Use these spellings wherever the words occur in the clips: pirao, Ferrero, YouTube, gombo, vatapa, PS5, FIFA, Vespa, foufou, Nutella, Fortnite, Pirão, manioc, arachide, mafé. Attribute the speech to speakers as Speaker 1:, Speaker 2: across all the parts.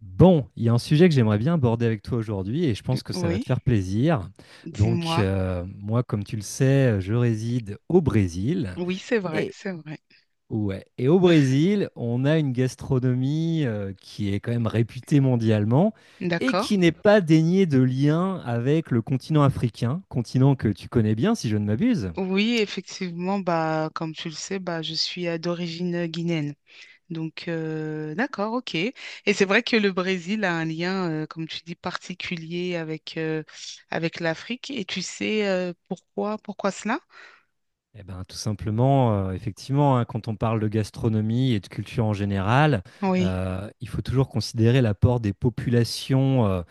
Speaker 1: Bon, il y a un sujet que j'aimerais bien aborder avec toi aujourd'hui et je pense que ça va
Speaker 2: Oui,
Speaker 1: te faire plaisir. Donc,
Speaker 2: dis-moi.
Speaker 1: moi, comme tu le sais, je réside au Brésil.
Speaker 2: Oui, c'est vrai,
Speaker 1: Et,
Speaker 2: c'est vrai.
Speaker 1: ouais, et au Brésil, on a une gastronomie qui est quand même réputée mondialement et
Speaker 2: D'accord.
Speaker 1: qui n'est pas déniée de lien avec le continent africain, continent que tu connais bien si je ne m'abuse.
Speaker 2: Oui, effectivement, bah, comme tu le sais, bah, je suis d'origine guinéenne. Donc, d'accord, ok. Et c'est vrai que le Brésil a un lien, comme tu dis, particulier avec, avec l'Afrique. Et tu sais pourquoi cela?
Speaker 1: Eh ben, tout simplement, effectivement, hein, quand on parle de gastronomie et de culture en général,
Speaker 2: Oui,
Speaker 1: il faut toujours considérer l'apport des populations, heu,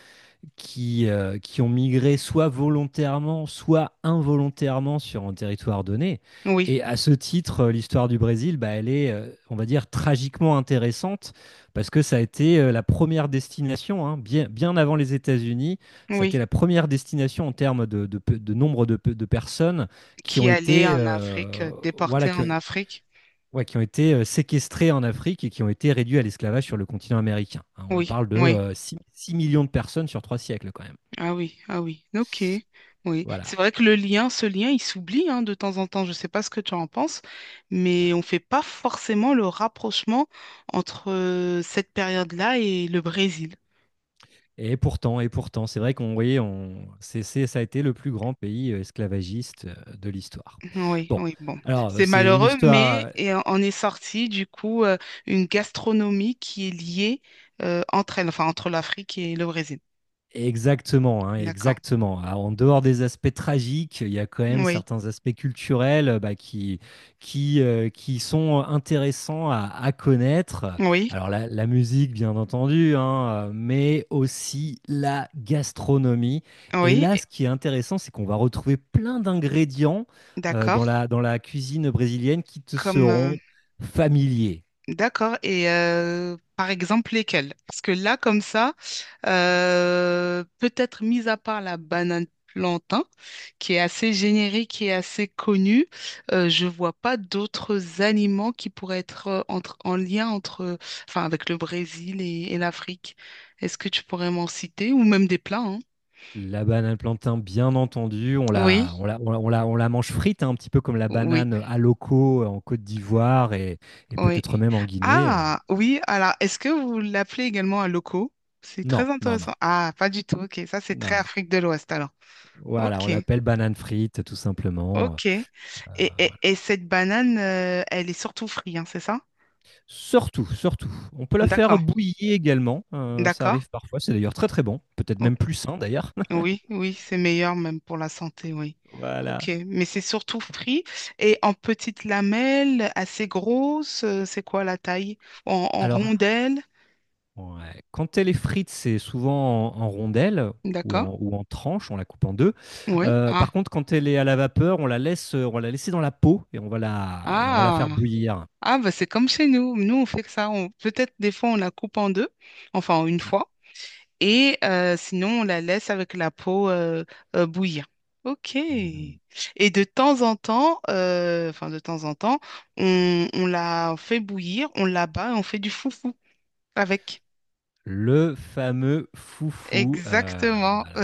Speaker 1: qui, euh, qui ont migré soit volontairement, soit involontairement sur un territoire donné.
Speaker 2: oui,
Speaker 1: Et à ce titre, l'histoire du Brésil, bah, elle est, on va dire, tragiquement intéressante parce que ça a été la première destination, hein, bien, bien avant les États-Unis. Ça a été
Speaker 2: oui.
Speaker 1: la première destination en termes de nombre de personnes qui ont
Speaker 2: Qui allait
Speaker 1: été,
Speaker 2: en Afrique,
Speaker 1: voilà,
Speaker 2: déporté
Speaker 1: qui ont,
Speaker 2: en Afrique.
Speaker 1: ouais, qui ont été séquestrées en Afrique et qui ont été réduites à l'esclavage sur le continent américain, hein. On
Speaker 2: Oui,
Speaker 1: parle de
Speaker 2: oui.
Speaker 1: 6 millions de personnes sur 3 siècles quand même.
Speaker 2: Ah oui, ah oui, ok, oui. C'est
Speaker 1: Voilà.
Speaker 2: vrai que le lien, ce lien, il s'oublie hein, de temps en temps. Je ne sais pas ce que tu en penses, mais on ne fait pas forcément le rapprochement entre cette période-là et le Brésil.
Speaker 1: Et pourtant, c'est vrai qu'on voyait, on, c'est- ça a été le plus grand pays esclavagiste de l'histoire.
Speaker 2: Oui,
Speaker 1: Bon,
Speaker 2: oui, bon.
Speaker 1: alors,
Speaker 2: C'est
Speaker 1: c'est une
Speaker 2: malheureux, mais
Speaker 1: histoire.
Speaker 2: en est sorti du coup une gastronomie qui est liée entre elles, enfin entre l'Afrique et le Brésil.
Speaker 1: Exactement, hein,
Speaker 2: D'accord.
Speaker 1: exactement. Alors, en dehors des aspects tragiques, il y a quand même
Speaker 2: Oui,
Speaker 1: certains aspects culturels, bah, qui sont intéressants à connaître.
Speaker 2: oui,
Speaker 1: Alors la musique, bien entendu, hein, mais aussi la gastronomie. Et
Speaker 2: oui,
Speaker 1: là, ce qui est intéressant, c'est qu'on va retrouver plein d'ingrédients,
Speaker 2: d'accord.
Speaker 1: dans la cuisine brésilienne qui te
Speaker 2: Comme
Speaker 1: seront familiers.
Speaker 2: D'accord. Et par exemple, lesquels? Parce que là, comme ça, peut-être mis à part la banane plantain, qui est assez générique et assez connue, je vois pas d'autres aliments qui pourraient être entre, en lien entre, enfin, avec le Brésil et l'Afrique. Est-ce que tu pourrais m'en citer? Ou même des plats, hein?
Speaker 1: La banane plantain, bien entendu,
Speaker 2: Oui,
Speaker 1: on la mange frite, hein, un petit peu comme la
Speaker 2: oui,
Speaker 1: banane à loco en Côte d'Ivoire, et
Speaker 2: oui.
Speaker 1: peut-être même en Guinée.
Speaker 2: Ah, oui, alors, est-ce que vous l'appelez également un loco? C'est
Speaker 1: Non,
Speaker 2: très
Speaker 1: non, non,
Speaker 2: intéressant. Ah, pas du tout, ok. Ça, c'est très
Speaker 1: non.
Speaker 2: Afrique de l'Ouest, alors.
Speaker 1: Voilà, on
Speaker 2: Ok,
Speaker 1: l'appelle banane frite, tout simplement.
Speaker 2: ok. Et cette banane, elle est surtout frite, hein, c'est ça?
Speaker 1: Surtout, surtout. On peut la faire
Speaker 2: D'accord,
Speaker 1: bouillir également. Ça
Speaker 2: d'accord.
Speaker 1: arrive parfois. C'est d'ailleurs très très bon. Peut-être
Speaker 2: O-
Speaker 1: même plus sain d'ailleurs.
Speaker 2: Oui, oui, c'est meilleur même pour la santé, oui. Ok, mais c'est surtout frit et en petites lamelles, assez grosses, c'est quoi la taille? En
Speaker 1: Alors,
Speaker 2: rondelles,
Speaker 1: Ouais. Quand elle est frite, c'est souvent en rondelles ou
Speaker 2: d'accord?
Speaker 1: en, ou en tranches, on la coupe en deux.
Speaker 2: Oui. Ah,
Speaker 1: Par contre, quand elle est à la vapeur, on va la laisser dans la peau et on va la faire
Speaker 2: ah.
Speaker 1: bouillir.
Speaker 2: Ah, bah, c'est comme chez nous. Nous, on fait que ça. Peut-être des fois, on la coupe en deux, enfin en une fois, et sinon, on la laisse avec la peau bouillir. OK. Et
Speaker 1: Mhm.
Speaker 2: de temps en temps, enfin de temps en temps, on la fait bouillir, on la bat et on fait du foufou avec.
Speaker 1: Le fameux foufou,
Speaker 2: Exactement.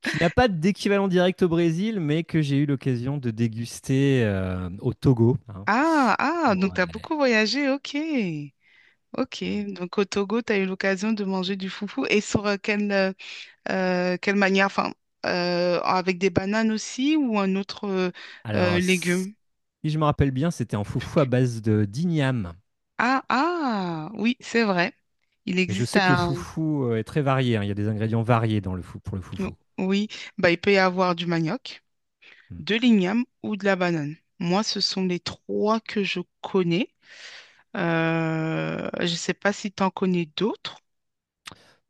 Speaker 1: qui n'a pas d'équivalent direct au Brésil, mais que j'ai eu l'occasion de déguster au Togo, hein.
Speaker 2: Ah, ah, donc
Speaker 1: Ouais.
Speaker 2: tu as beaucoup voyagé. OK. OK. Donc au Togo, tu as eu l'occasion de manger du foufou. Et sur quelle manière? Enfin, avec des bananes aussi ou un autre
Speaker 1: Alors, si
Speaker 2: légume?
Speaker 1: je me rappelle bien, c'était un foufou à base de d'igname.
Speaker 2: Ah, ah, oui, c'est vrai. Il
Speaker 1: Mais je
Speaker 2: existe
Speaker 1: sais que le
Speaker 2: un...
Speaker 1: foufou, est très varié, hein. Il y a des ingrédients variés dans le fou pour le
Speaker 2: oh,
Speaker 1: foufou.
Speaker 2: oui, bah, il peut y avoir du manioc,
Speaker 1: Mm.
Speaker 2: de l'igname ou de la banane. Moi, ce sont les trois que je connais. Je ne sais pas si tu en connais d'autres.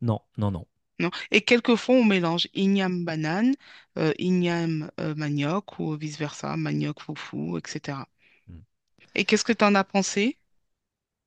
Speaker 1: Non, non, non.
Speaker 2: Non. Et quelquefois, on mélange igname-banane, igname-manioc ou vice-versa, manioc-foufou, etc.
Speaker 1: Mm.
Speaker 2: Et qu'est-ce que tu en as pensé?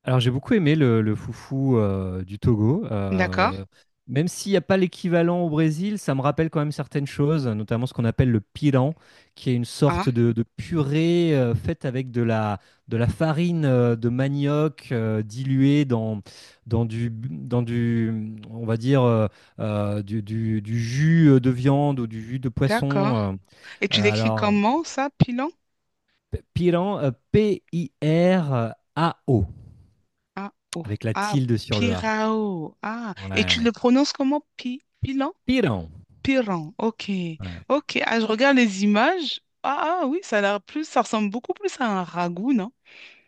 Speaker 1: Alors j'ai beaucoup aimé le foufou du Togo.
Speaker 2: D'accord?
Speaker 1: Même s'il n'y a pas l'équivalent au Brésil, ça me rappelle quand même certaines choses, notamment ce qu'on appelle le piran, qui est une
Speaker 2: Ah,
Speaker 1: sorte de purée, faite avec de la farine de manioc, diluée dans du, on va dire, du jus de viande ou du jus de
Speaker 2: d'accord.
Speaker 1: poisson.
Speaker 2: Et tu l'écris
Speaker 1: Alors,
Speaker 2: comment ça, pilon?
Speaker 1: piran, Pirão,
Speaker 2: Ah, oh.
Speaker 1: avec la
Speaker 2: Ah,
Speaker 1: tilde sur le A.
Speaker 2: pirao. Ah, et tu
Speaker 1: Ouais.
Speaker 2: le prononces comment? Pilon?
Speaker 1: Pirão.
Speaker 2: Piran. Ok.
Speaker 1: Ouais.
Speaker 2: Ok. Ah, je regarde les images. Ah, ah, oui, ça a l'air plus, ça ressemble beaucoup plus à un ragoût, non?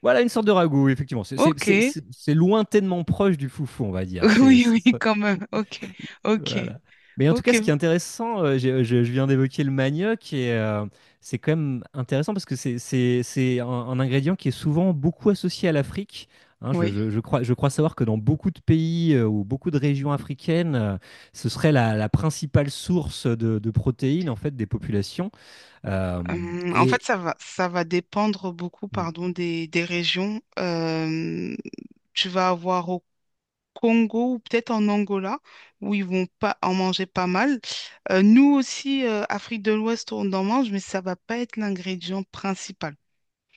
Speaker 1: Voilà, une sorte de ragoût, effectivement. C'est c'est- c'est-
Speaker 2: Ok.
Speaker 1: c'est- c'est lointainement proche du foufou, on va dire. C'est,
Speaker 2: Oui,
Speaker 1: c'est
Speaker 2: oui,
Speaker 1: ça.
Speaker 2: quand même. Ok. Ok.
Speaker 1: Voilà. Mais en tout cas,
Speaker 2: Ok.
Speaker 1: ce qui est intéressant, je viens d'évoquer le manioc, et c'est quand même intéressant parce que c'est un ingrédient qui est souvent beaucoup associé à l'Afrique. Hein,
Speaker 2: Oui.
Speaker 1: je crois savoir que dans beaucoup de pays, ou beaucoup de régions africaines, ce serait la principale source de protéines en fait des populations. Euh,
Speaker 2: En fait,
Speaker 1: et
Speaker 2: ça va dépendre beaucoup,
Speaker 1: Mm.
Speaker 2: pardon, des régions. Tu vas avoir Congo ou peut-être en Angola, où ils vont pas en manger pas mal. Nous aussi, Afrique de l'Ouest, on en mange, mais ça va pas être l'ingrédient principal.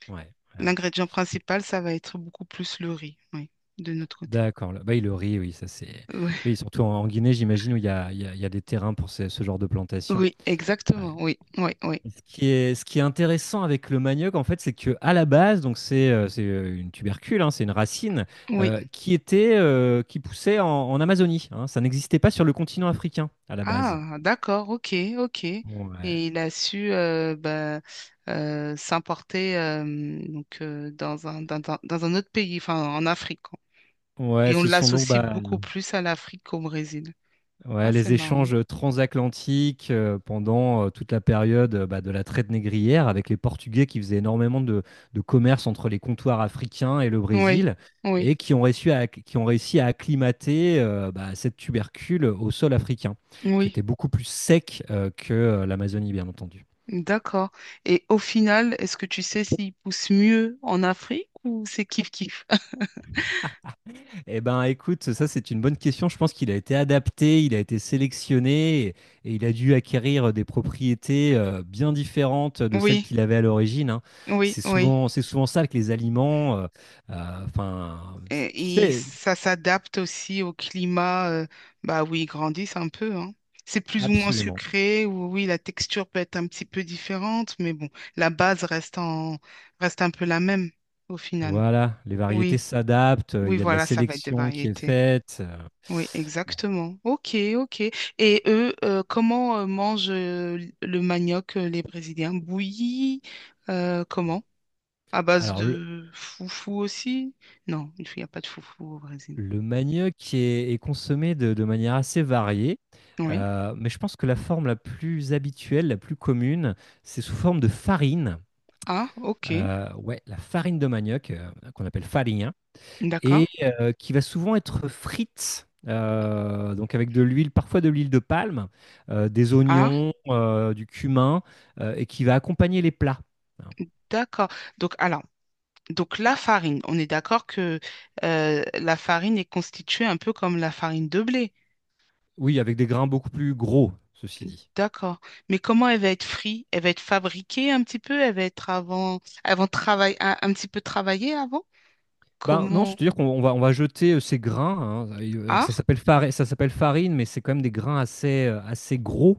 Speaker 1: Ouais, ouais, ouais.
Speaker 2: L'ingrédient principal, ça va être beaucoup plus le riz, oui, de notre côté.
Speaker 1: D'accord, là-bas, il le riz, oui, ça c'est.
Speaker 2: Oui,
Speaker 1: Oui, surtout en Guinée, j'imagine, où il y a, il y a- il y a des terrains pour ce genre de plantation.
Speaker 2: oui,
Speaker 1: Ouais.
Speaker 2: exactement, oui, oui, oui,
Speaker 1: Et ce qui est intéressant avec le manioc, en fait, c'est que à la base, donc c'est une tubercule, hein, c'est une racine,
Speaker 2: oui.
Speaker 1: qui était, qui poussait en Amazonie, hein. Ça n'existait pas sur le continent africain à la base.
Speaker 2: Ah, d'accord, ok, ok.
Speaker 1: Ouais.
Speaker 2: Et il a su bah, s'importer donc dans un autre pays, enfin en Afrique.
Speaker 1: Ouais,
Speaker 2: Et on
Speaker 1: ce sont donc,
Speaker 2: l'associe
Speaker 1: bah,
Speaker 2: beaucoup plus à l'Afrique qu'au Brésil.
Speaker 1: ouais,
Speaker 2: Ah, c'est
Speaker 1: les
Speaker 2: marrant.
Speaker 1: échanges transatlantiques, pendant toute la période, bah, de la traite négrière avec les Portugais qui faisaient énormément de commerce entre les comptoirs africains et le
Speaker 2: Oui,
Speaker 1: Brésil,
Speaker 2: oui,
Speaker 1: et qui ont réussi à acclimater, bah, cette tubercule au sol africain, qui
Speaker 2: oui.
Speaker 1: était beaucoup plus sec, que l'Amazonie, bien entendu.
Speaker 2: D'accord. Et au final, est-ce que tu sais s'ils poussent mieux en Afrique ou c'est kiff-kiff?
Speaker 1: Eh ben, écoute, ça c'est une bonne question. Je pense qu'il a été adapté, il a été sélectionné, et il a dû acquérir des propriétés, bien différentes de celles
Speaker 2: Oui,
Speaker 1: qu'il avait à l'origine, hein.
Speaker 2: oui,
Speaker 1: C'est
Speaker 2: oui.
Speaker 1: souvent, c'est souvent ça avec les aliments. Enfin, tu
Speaker 2: Et
Speaker 1: sais.
Speaker 2: ça s'adapte aussi au climat, bah oui, ils grandissent un peu, hein. C'est plus ou moins
Speaker 1: Absolument.
Speaker 2: sucré, ou oui, la texture peut être un petit peu différente, mais bon, la base reste un peu la même au final.
Speaker 1: Voilà, les
Speaker 2: Oui,
Speaker 1: variétés s'adaptent.
Speaker 2: oui,
Speaker 1: Il y a de la
Speaker 2: voilà, ça va être des
Speaker 1: sélection qui est
Speaker 2: variétés.
Speaker 1: faite.
Speaker 2: Oui,
Speaker 1: Bon.
Speaker 2: exactement. Ok, ok. Et eux, comment mangent le manioc, les Brésiliens? Bouilli, comment? À base
Speaker 1: Alors,
Speaker 2: de foufou aussi? Non, il n'y a pas de foufou au Brésil.
Speaker 1: le manioc est consommé de manière assez variée,
Speaker 2: Oui.
Speaker 1: mais je pense que la forme la plus habituelle, la plus commune, c'est sous forme de farine.
Speaker 2: Ah, ok.
Speaker 1: Ouais, la farine de manioc, qu'on appelle farine,
Speaker 2: D'accord.
Speaker 1: et qui va souvent être frite, donc avec de l'huile, parfois de l'huile de palme, des
Speaker 2: Ah,
Speaker 1: oignons, du cumin, et qui va accompagner les plats.
Speaker 2: d'accord. Donc, alors, donc la farine, on est d'accord que la farine est constituée un peu comme la farine de blé.
Speaker 1: Oui, avec des grains beaucoup plus gros, ceci dit.
Speaker 2: D'accord. Mais comment elle va être frite? Elle va être fabriquée un petit peu? Elle va être avant, avant travail, un petit peu travaillée avant?
Speaker 1: Ben non,
Speaker 2: Comment?
Speaker 1: c'est-à-dire qu'on on va jeter, ces grains, hein. Alors
Speaker 2: Ah,
Speaker 1: ça s'appelle farine, mais c'est quand même des grains assez gros.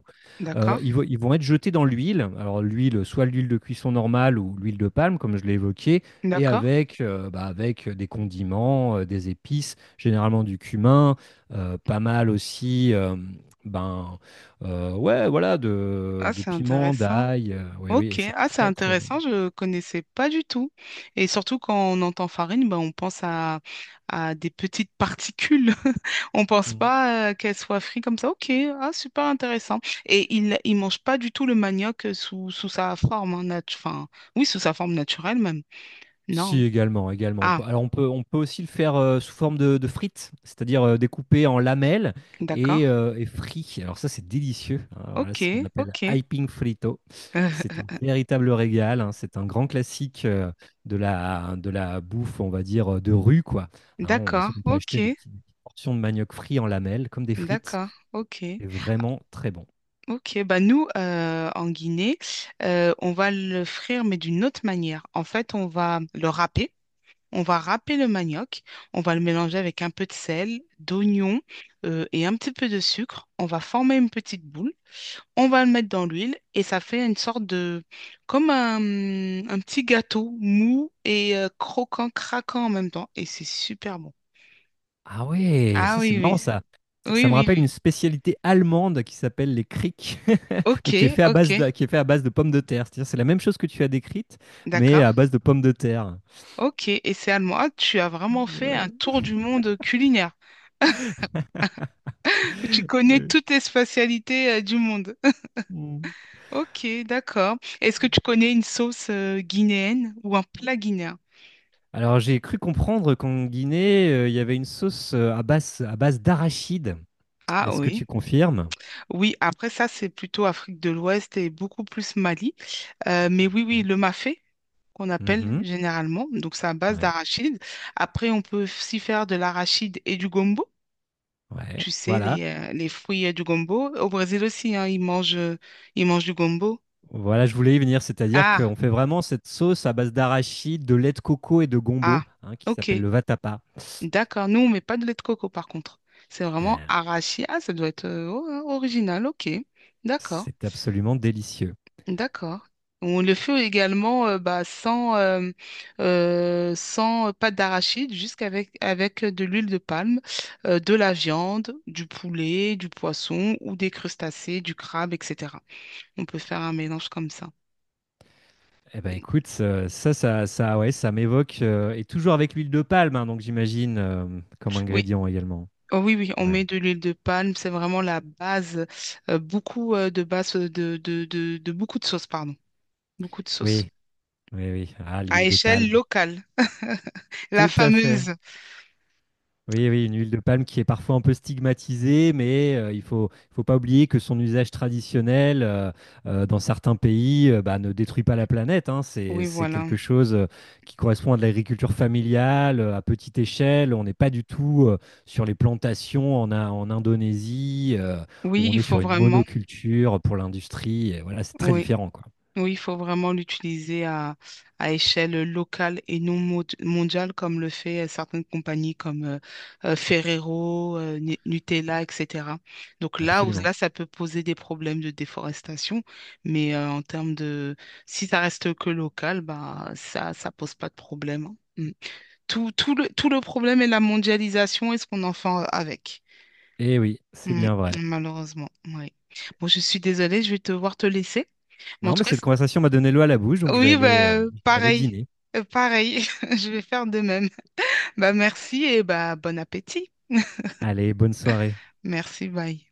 Speaker 2: d'accord,
Speaker 1: Ils vont être jetés dans l'huile. Alors l'huile, soit l'huile de cuisson normale ou l'huile de palme, comme je l'ai évoqué, et
Speaker 2: d'accord.
Speaker 1: avec des condiments, des épices, généralement du cumin, pas mal aussi. Ben, ouais, voilà,
Speaker 2: Ah,
Speaker 1: de
Speaker 2: c'est
Speaker 1: piment,
Speaker 2: intéressant.
Speaker 1: d'ail. Oui, oui, et
Speaker 2: Ok,
Speaker 1: c'est
Speaker 2: ah, c'est
Speaker 1: très très bon.
Speaker 2: intéressant, je ne connaissais pas du tout. Et surtout quand on entend farine, ben, on pense à des petites particules. On pense
Speaker 1: Mm.
Speaker 2: pas qu'elle soit frite comme ça. Ok, ah, super intéressant. Et il mange pas du tout le manioc sous sa forme, hein, enfin, oui, sous sa forme naturelle même.
Speaker 1: Si,
Speaker 2: Non.
Speaker 1: également, également.
Speaker 2: Ah,
Speaker 1: Alors, on peut aussi le faire, sous forme de frites, c'est-à-dire, découpé en lamelles
Speaker 2: d'accord.
Speaker 1: et frit. Alors ça, c'est délicieux, hein. Voilà,
Speaker 2: Ok,
Speaker 1: c'est ce qu'on appelle
Speaker 2: ok.
Speaker 1: hyping frito.
Speaker 2: Euh,
Speaker 1: C'est un véritable régal, hein. C'est un grand classique, de la bouffe, on va dire, de rue, quoi. Hein, on va
Speaker 2: d'accord,
Speaker 1: dire qu'on peut acheter
Speaker 2: ok.
Speaker 1: des petites portions de manioc frit en lamelles, comme des frites.
Speaker 2: D'accord, ok.
Speaker 1: C'est vraiment très bon.
Speaker 2: Ok, bah nous, en Guinée, on va le frire, mais d'une autre manière. En fait, on va le râper. On va râper le manioc. On va le mélanger avec un peu de sel, d'oignon et un petit peu de sucre. On va former une petite boule. On va le mettre dans l'huile et ça fait une sorte de... comme un petit gâteau mou et croquant, craquant en même temps. Et c'est super bon.
Speaker 1: Ah ouais,
Speaker 2: Ah
Speaker 1: ça c'est
Speaker 2: oui,
Speaker 1: marrant
Speaker 2: oui.
Speaker 1: ça. Ça,
Speaker 2: Oui,
Speaker 1: ça me
Speaker 2: oui,
Speaker 1: rappelle
Speaker 2: oui.
Speaker 1: une spécialité allemande qui s'appelle les crics, mais
Speaker 2: Ok, ok.
Speaker 1: qui est fait à base de pommes de terre. C'est-à-dire c'est la même chose que tu as décrite, mais
Speaker 2: D'accord.
Speaker 1: à base de pommes de terre.
Speaker 2: Ok. Et c'est allemand. Ah, tu as vraiment fait un
Speaker 1: Ouais.
Speaker 2: tour du monde culinaire. Tu connais
Speaker 1: Ouais.
Speaker 2: toutes les spatialités du monde.
Speaker 1: Mm.
Speaker 2: Ok, d'accord. Est-ce que tu connais une sauce guinéenne ou un plat guinéen?
Speaker 1: Alors j'ai cru comprendre qu'en Guinée, il y avait une sauce, à base d'arachide.
Speaker 2: Ah
Speaker 1: Est-ce que
Speaker 2: oui.
Speaker 1: tu confirmes?
Speaker 2: Oui, après ça, c'est plutôt Afrique de l'Ouest et beaucoup plus Mali. Mais oui, oui, le mafé, qu'on appelle
Speaker 1: Mhm.
Speaker 2: généralement. Donc, c'est à base
Speaker 1: Ouais.
Speaker 2: d'arachide. Après, on peut aussi faire de l'arachide et du gombo.
Speaker 1: Ouais.
Speaker 2: Tu sais,
Speaker 1: Voilà.
Speaker 2: les fruits du gombo. Au Brésil aussi, hein, ils mangent du gombo.
Speaker 1: Voilà, je voulais y venir, c'est-à-dire
Speaker 2: Ah,
Speaker 1: qu'on fait vraiment cette sauce à base d'arachide, de lait de coco et de gombo,
Speaker 2: ah,
Speaker 1: hein, qui s'appelle
Speaker 2: ok,
Speaker 1: le vatapa.
Speaker 2: d'accord. Nous, on met pas de lait de coco, par contre. C'est vraiment
Speaker 1: Euh,
Speaker 2: arachide. Ah, ça doit être oh, hein, original, ok. D'accord,
Speaker 1: C'est absolument délicieux.
Speaker 2: d'accord. On le fait également bah, sans pâte d'arachide, juste avec de l'huile de palme, de la viande, du poulet, du poisson ou des crustacés, du crabe, etc. On peut faire un mélange comme ça.
Speaker 1: Eh ben, écoute, ouais, ça m'évoque, et toujours avec l'huile de palme, hein, donc j'imagine, comme
Speaker 2: Oui,
Speaker 1: ingrédient également.
Speaker 2: oh oui, oui, on
Speaker 1: Ouais.
Speaker 2: met de l'huile de palme, c'est vraiment la base, beaucoup de base de beaucoup de sauces, pardon, beaucoup de sauces,
Speaker 1: Oui, oui, oui. Ah,
Speaker 2: à
Speaker 1: l'huile de
Speaker 2: échelle
Speaker 1: palme.
Speaker 2: locale, la
Speaker 1: Tout à fait.
Speaker 2: fameuse.
Speaker 1: Oui, oui, une huile de palme qui est parfois un peu stigmatisée, mais, il faut pas oublier que son usage traditionnel, dans certains pays, bah, ne détruit pas la planète, hein. C'est,
Speaker 2: Oui,
Speaker 1: c'est
Speaker 2: voilà.
Speaker 1: quelque chose, qui correspond à de l'agriculture familiale, à petite échelle. On n'est pas du tout, sur les plantations en Indonésie, où
Speaker 2: Oui,
Speaker 1: on
Speaker 2: il
Speaker 1: est sur
Speaker 2: faut
Speaker 1: une
Speaker 2: vraiment,
Speaker 1: monoculture pour l'industrie. Et voilà, c'est très
Speaker 2: oui.
Speaker 1: différent, quoi.
Speaker 2: Oui, il faut vraiment l'utiliser à échelle locale et non mondiale, comme le fait certaines compagnies comme Ferrero, Nutella, etc. Donc là, où,
Speaker 1: Absolument.
Speaker 2: là, ça peut poser des problèmes de déforestation, mais en termes de... Si ça reste que local, bah, ça pose pas de problème. Hein. Mm. Tout, tout le problème est la mondialisation et ce qu'on en fait avec.
Speaker 1: Et oui, c'est
Speaker 2: Mm,
Speaker 1: bien vrai.
Speaker 2: Malheureusement, oui. Bon, je suis désolée, je vais devoir te laisser. Mais en
Speaker 1: Non,
Speaker 2: tout
Speaker 1: mais
Speaker 2: cas,
Speaker 1: cette conversation m'a donné l'eau à la bouche, donc
Speaker 2: oui, bah,
Speaker 1: je vais aller
Speaker 2: pareil.
Speaker 1: dîner.
Speaker 2: Pareil. Je vais faire de même. Bah, merci et bah, bon appétit.
Speaker 1: Allez, bonne soirée.
Speaker 2: Merci, bye.